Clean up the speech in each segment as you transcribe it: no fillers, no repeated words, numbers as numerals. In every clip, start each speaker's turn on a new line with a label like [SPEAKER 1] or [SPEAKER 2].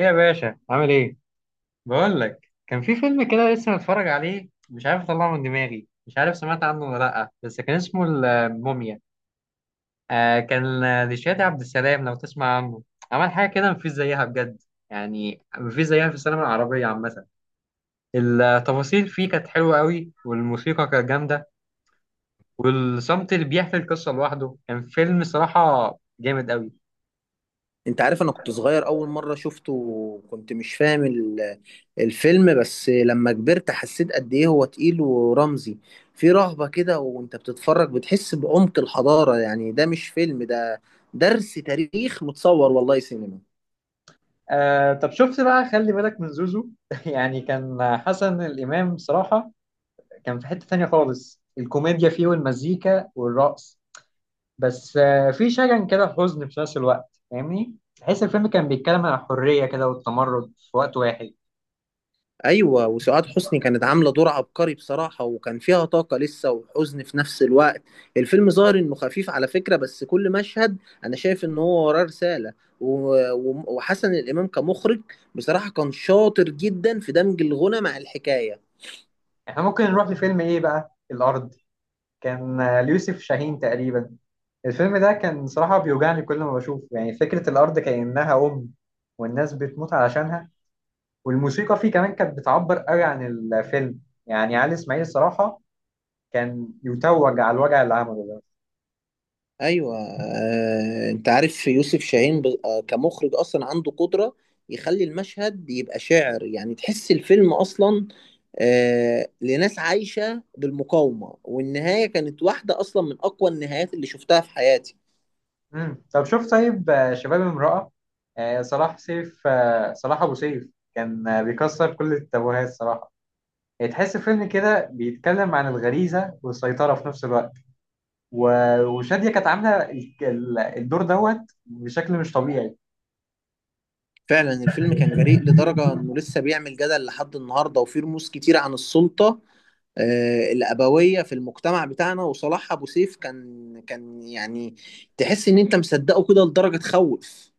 [SPEAKER 1] إيه يا باشا، عامل ايه؟ بقول لك كان في فيلم كده لسه متفرج عليه، مش عارف اطلعه من دماغي. مش عارف سمعت عنه ولا لا، بس كان اسمه الموميا. آه كان، لشادي عبد السلام، لو تسمع عنه. عمل حاجه كده مفيش زيها بجد. يعني مفيش زيها في السينما العربيه عامه. التفاصيل فيه كانت حلوه قوي، والموسيقى كانت جامده، والصمت اللي بيحكي القصه لوحده. كان فيلم صراحه جامد قوي.
[SPEAKER 2] انت عارف انا كنت صغير اول مرة شفته وكنت مش فاهم الفيلم. بس لما كبرت حسيت قد ايه هو تقيل ورمزي، في رهبة كده وانت بتتفرج بتحس بعمق الحضارة. يعني ده مش فيلم، ده درس تاريخ متصور. والله سينما.
[SPEAKER 1] آه طب شفت بقى خلي بالك من زوزو يعني كان حسن الامام صراحه. كان في حتة تانية خالص، الكوميديا فيه والمزيكا والرقص. بس في شجن كده، حزن في نفس الوقت، فاهمني. تحس الفيلم كان بيتكلم عن الحرية كده والتمرد في وقت واحد.
[SPEAKER 2] ايوه، وسعاد حسني كانت عامله دور عبقري بصراحه، وكان فيها طاقه لسه وحزن في نفس الوقت. الفيلم ظاهر انه خفيف على فكره، بس كل مشهد انا شايف ان هو وراه رساله. و- و- وحسن الامام كمخرج بصراحه كان شاطر جدا في دمج الغنى مع الحكايه.
[SPEAKER 1] احنا ممكن نروح لفيلم ايه بقى؟ الأرض. كان ليوسف شاهين تقريبا. الفيلم ده كان صراحة بيوجعني كل ما بشوفه. يعني فكرة الأرض كأنها أم، والناس بتموت علشانها. والموسيقى فيه كمان كانت بتعبر قوي عن الفيلم. يعني علي إسماعيل الصراحة كان يتوج على الوجع اللي عمله ده.
[SPEAKER 2] ايوه، انت عارف يوسف شاهين كمخرج اصلا عنده قدره يخلي المشهد يبقى شعر. يعني تحس الفيلم اصلا لناس عايشه بالمقاومه، والنهايه كانت واحده اصلا من اقوى النهايات اللي شفتها في حياتي.
[SPEAKER 1] طب شوف طيب، شباب امرأة. آه، صلاح أبو سيف كان بيكسر كل التابوهات صراحة. يعني تحس فيلم كده بيتكلم عن الغريزة والسيطرة في نفس الوقت. وشادية كانت عاملة الدور دوت بشكل مش طبيعي.
[SPEAKER 2] فعلا الفيلم كان جريء لدرجه انه لسه بيعمل جدل لحد النهارده، وفيه رموز كتير عن السلطه الابويه في المجتمع بتاعنا. وصلاح ابو سيف كان يعني تحس ان انت مصدقه كده لدرجه تخوف.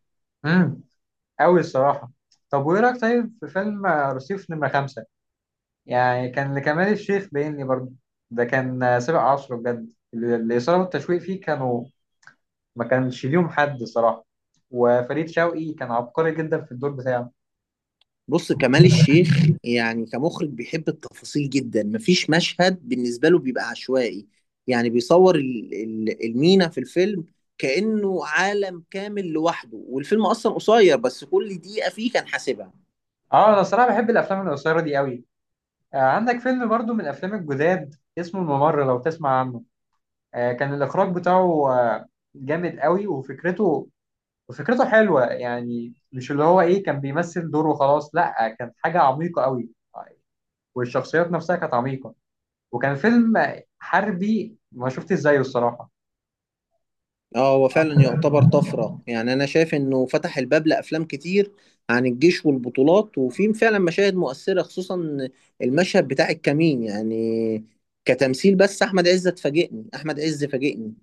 [SPEAKER 1] امم أوي الصراحة. طب وإيه رأيك طيب في فيلم، رصيف نمرة خمسة؟ يعني كان لكمال الشيخ باين لي برضه. ده كان سابق عصره بجد. الإثارة والتشويق فيه كانوا ما كانش ليهم حد صراحة. وفريد شوقي كان عبقري جدا في الدور بتاعه.
[SPEAKER 2] بص، كمال الشيخ يعني كمخرج بيحب التفاصيل جدا، مفيش مشهد بالنسبة له بيبقى عشوائي. يعني بيصور المينا في الفيلم كأنه عالم كامل لوحده، والفيلم أصلا قصير بس كل دقيقة فيه كان حاسبها.
[SPEAKER 1] اه انا صراحة بحب الافلام القصيرة دي قوي. آه عندك فيلم برضو من الافلام الجداد اسمه الممر، لو تسمع عنه. آه كان الاخراج بتاعه آه جامد قوي، وفكرته حلوة. يعني مش اللي هو ايه كان بيمثل دور وخلاص، لا كان حاجة عميقة قوي. والشخصيات نفسها كانت عميقة. وكان فيلم حربي ما شفتش زيه الصراحة.
[SPEAKER 2] اه، هو فعلا يعتبر طفرة. يعني أنا شايف إنه فتح الباب لأفلام كتير عن الجيش والبطولات، وفي فعلا مشاهد مؤثرة خصوصا المشهد بتاع الكمين. يعني كتمثيل، بس أحمد عز أحمد عز فاجئني.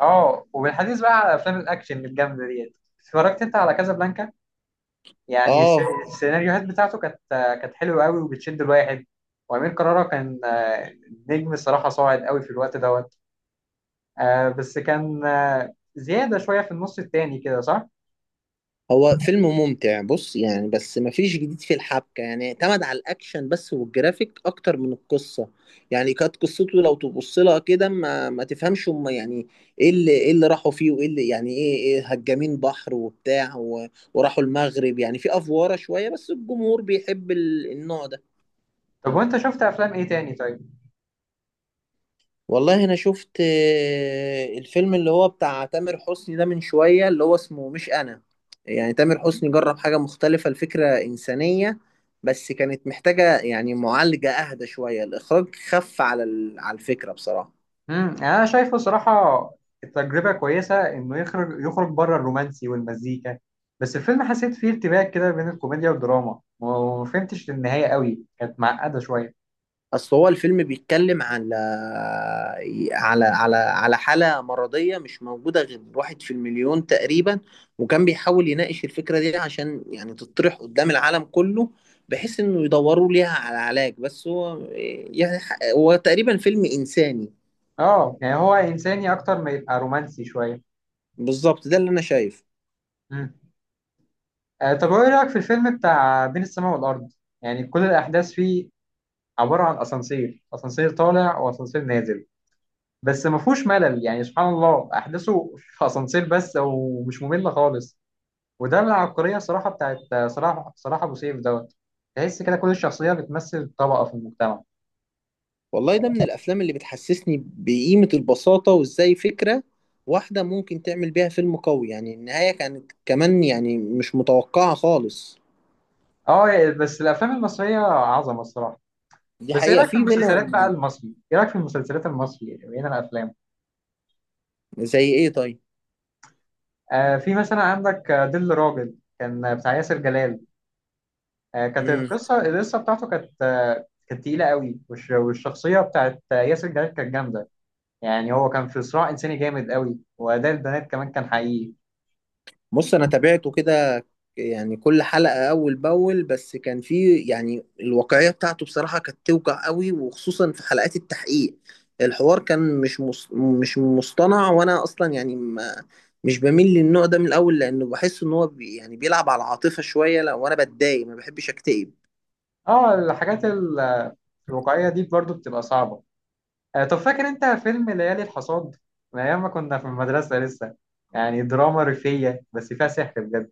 [SPEAKER 1] اه، وبالحديث بقى على افلام الاكشن الجامدة ديت، اتفرجت انت على كازابلانكا؟ يعني
[SPEAKER 2] اه،
[SPEAKER 1] السيناريوهات بتاعته كانت حلوه قوي وبتشد الواحد. وامير كرارة كان نجم الصراحه صاعد قوي في الوقت دوت. بس كان زياده شويه في النص التاني كده، صح؟
[SPEAKER 2] هو فيلم ممتع، بص يعني، بس مفيش جديد في الحبكة، يعني اعتمد على الأكشن بس والجرافيك أكتر من القصة. يعني كانت قصته لو تبص لها كده ما تفهمش، هم يعني إيه؟ اللي راحوا فيه، وإيه اللي يعني إيه هجامين بحر وبتاع وراحوا المغرب، يعني في أفوارة شوية، بس الجمهور بيحب النوع ده.
[SPEAKER 1] طب وانت شفت افلام ايه تاني طيب؟
[SPEAKER 2] والله انا شفت الفيلم اللي هو بتاع تامر حسني ده من شوية، اللي هو اسمه مش انا. يعني تامر حسني جرب حاجة مختلفة، الفكرة انسانية بس كانت محتاجة يعني معالجة اهدى شوية، الاخراج خف على على الفكرة بصراحة.
[SPEAKER 1] انا شايفه صراحه تجربه كويسه انه يخرج بره الرومانسي والمزيكا. بس الفيلم حسيت فيه ارتباك كده بين الكوميديا والدراما، وما فهمتش النهايه قوي، كانت معقده شويه.
[SPEAKER 2] اصل هو الفيلم بيتكلم على حالة مرضية مش موجودة غير واحد في المليون تقريبا، وكان بيحاول يناقش الفكرة دي عشان يعني تطرح قدام العالم كله، بحيث انه يدوروا ليها على علاج. بس هو يعني هو تقريبا فيلم انساني.
[SPEAKER 1] اه يعني هو انساني اكتر ما يبقى رومانسي شويه.
[SPEAKER 2] بالظبط، ده اللي انا شايفه.
[SPEAKER 1] مم. طب ايه رأيك في الفيلم بتاع بين السماء والأرض؟ يعني كل الأحداث فيه عبارة عن أسانسير، أسانسير طالع وأسانسير نازل، بس ما فيهوش ملل. يعني سبحان الله أحداثه في أسانسير بس، ومش مملة خالص. وده العبقرية صراحة بتاعت صلاح أبو سيف دوت. تحس كده كل الشخصية بتمثل طبقة في المجتمع.
[SPEAKER 2] والله ده من الافلام اللي بتحسسني بقيمة البساطة، وازاي فكرة واحدة ممكن تعمل بيها فيلم قوي. يعني النهاية كانت كمان يعني مش متوقعة خالص.
[SPEAKER 1] أه يعني بس الأفلام المصرية عظمة الصراحة.
[SPEAKER 2] دي
[SPEAKER 1] بس إيه
[SPEAKER 2] حقيقة،
[SPEAKER 1] رأيك في
[SPEAKER 2] في منها.
[SPEAKER 1] المسلسلات بقى المصري؟ إيه رأيك في المسلسلات المصري غير الأفلام؟
[SPEAKER 2] زي ايه طيب؟
[SPEAKER 1] آه في مثلا عندك، دل راجل كان بتاع ياسر جلال. كانت
[SPEAKER 2] امم،
[SPEAKER 1] القصه القصه بتاعته كانت تقيله قوي. والشخصيه بتاعت ياسر جلال كانت جامده. يعني هو كان في صراع انساني جامد قوي، واداء البنات كمان كان حقيقي.
[SPEAKER 2] بص انا تابعته كده يعني كل حلقة اول باول، بس كان في يعني الواقعية بتاعته بصراحة كانت توجع قوي، وخصوصا في حلقات التحقيق. الحوار كان مش مص... مش مصطنع. وانا اصلا يعني ما، مش بميل للنوع ده من الاول، لانه بحس ان هو بي... يعني بيلعب على العاطفة شوية، لو انا بتضايق ما بحبش اكتئب.
[SPEAKER 1] اه، الحاجات الواقعيه دي برضو بتبقى صعبه. طب فاكر انت فيلم ليالي الحصاد؟ من ايام ما كنا في المدرسه لسه. يعني دراما ريفيه بس فيها سحر بجد.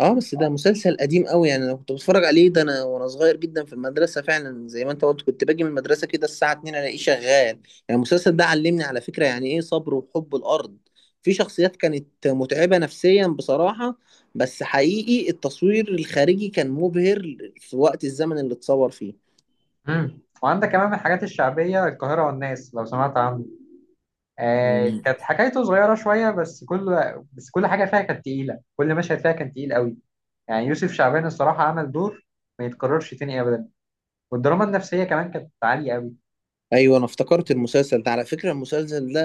[SPEAKER 2] اه، بس ده مسلسل قديم قوي. يعني انا كنت بتفرج عليه ده انا وانا صغير جدا في المدرسه. فعلا زي ما انت قلت، كنت باجي من المدرسه كده الساعه 2 الاقيه شغال يعني. المسلسل ده علمني على فكره يعني ايه صبر وحب الارض. في شخصيات كانت متعبه نفسيا بصراحه، بس حقيقي التصوير الخارجي كان مبهر في وقت الزمن اللي اتصور فيه.
[SPEAKER 1] مم. وعندك كمان من الحاجات الشعبيه القاهره والناس، لو سمعت عنه. آه
[SPEAKER 2] مم.
[SPEAKER 1] كانت حكايته صغيره شويه، بس كل حاجه فيها كانت تقيله، كل مشهد فيها كان تقيل قوي. يعني يوسف شعبان الصراحة عمل دور ما يتكررش تاني أبدا. والدراما النفسية كمان كانت عالية أوي.
[SPEAKER 2] ايوه، انا افتكرت المسلسل ده. على فكره المسلسل ده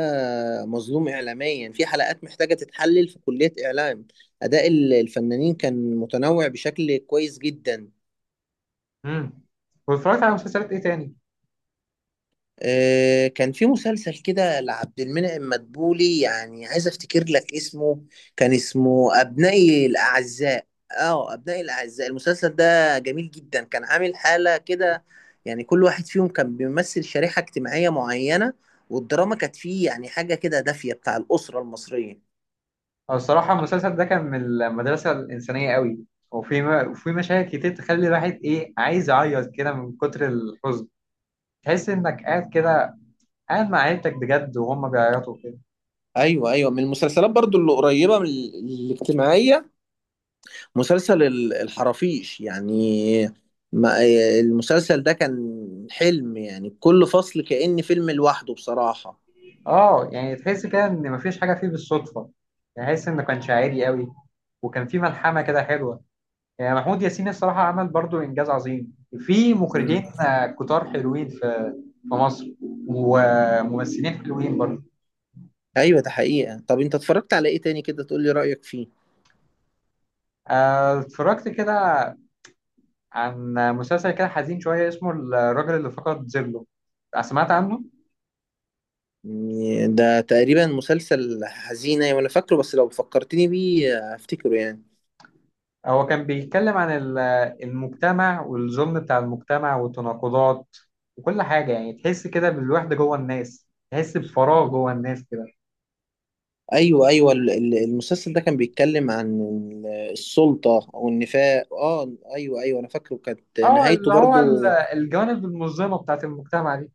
[SPEAKER 2] مظلوم اعلاميا، في حلقات محتاجه تتحلل في كليه اعلام. اداء الفنانين كان متنوع بشكل كويس جدا.
[SPEAKER 1] امم واتفرجت على مسلسلات إيه تاني؟
[SPEAKER 2] كان في مسلسل كده لعبد المنعم مدبولي، يعني عايز افتكر لك اسمه. كان اسمه ابنائي الاعزاء. اه، ابنائي الاعزاء. المسلسل ده جميل جدا، كان عامل حالة كده. يعني كل واحد فيهم كان بيمثل شريحة اجتماعية معينة، والدراما كانت فيه يعني حاجة كده دافية بتاع الأسرة المصرية.
[SPEAKER 1] أو الصراحة المسلسل ده كان من المدرسة الإنسانية أوي. وفي مشاهد كتير تخلي الواحد إيه، عايز يعيط كده من كتر الحزن. تحس إنك قاعد كده، قاعد مع عيلتك بجد وهم بيعيطوا كده.
[SPEAKER 2] ايوه ايوه، من المسلسلات برضو اللي قريبه من الاجتماعيه مسلسل الحرافيش. يعني ما المسلسل ده كان حلم، يعني كل فصل كأن فيلم لوحده بصراحة.
[SPEAKER 1] آه يعني تحس كده إن مفيش حاجة فيه بالصدفة. يعني تحس إنه كان شاعري أوي، وكان فيه ملحمة كده حلوة. يعني محمود ياسين الصراحة عمل برضو إنجاز عظيم. في
[SPEAKER 2] مم.
[SPEAKER 1] مخرجين كتار حلوين في مصر، وممثلين حلوين برضو.
[SPEAKER 2] ايوه، ده حقيقة. طب انت اتفرجت على ايه تاني كده تقولي رأيك فيه؟
[SPEAKER 1] اتفرجت كده عن مسلسل كده حزين شوية اسمه الراجل اللي فقد ظله، سمعت عنه؟
[SPEAKER 2] يعني ده تقريبا مسلسل حزينة وانا فاكره، بس لو فكرتني بيه هفتكره يعني.
[SPEAKER 1] هو كان بيتكلم عن المجتمع، والظلم بتاع المجتمع والتناقضات وكل حاجة. يعني تحس كده بالوحدة جوه الناس، تحس بفراغ جوه الناس كده.
[SPEAKER 2] ايوه ايوه، المسلسل ده كان بيتكلم عن السلطة او النفاق. اه ايوه ايوه، انا فاكره. كانت
[SPEAKER 1] اه،
[SPEAKER 2] نهايته
[SPEAKER 1] اللي هو
[SPEAKER 2] برضو
[SPEAKER 1] الجوانب المظلمة بتاعت المجتمع دي.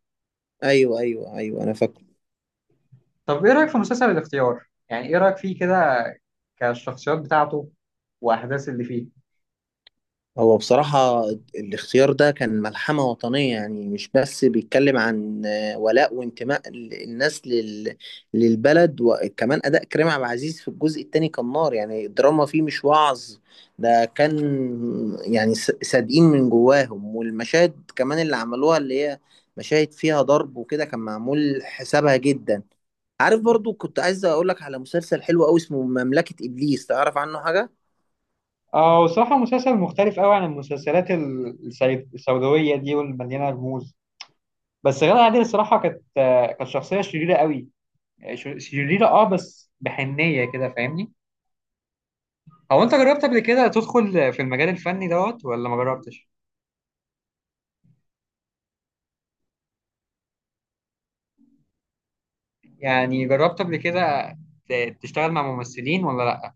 [SPEAKER 2] ايوه ايوه ايوه، انا فاكره.
[SPEAKER 1] طب ايه رأيك في مسلسل الاختيار؟ يعني ايه رأيك فيه كده، كالشخصيات بتاعته واحداث اللي فيه؟
[SPEAKER 2] هو بصراحة الاختيار ده كان ملحمة وطنية، يعني مش بس بيتكلم عن ولاء وانتماء الناس لل... للبلد. وكمان أداء كريم عبد العزيز في الجزء التاني كان نار. يعني الدراما فيه مش وعظ، ده كان يعني صادقين من جواهم. والمشاهد كمان اللي عملوها، اللي هي مشاهد فيها ضرب وكده، كان معمول حسابها جدا. عارف، برضو كنت عايز أقولك على مسلسل حلو أوي اسمه مملكة إبليس، تعرف عنه حاجة؟
[SPEAKER 1] اه، وصراحة مسلسل مختلف قوي عن المسلسلات السوداوية دي والمليانة رموز. بس غادة عادل الصراحة كانت شخصية شريرة قوي، شريرة اه، بس بحنية كده فاهمني. هو انت جربت قبل كده تدخل في المجال الفني دوت ولا ما جربتش؟ يعني جربت قبل كده تشتغل مع ممثلين ولا لا؟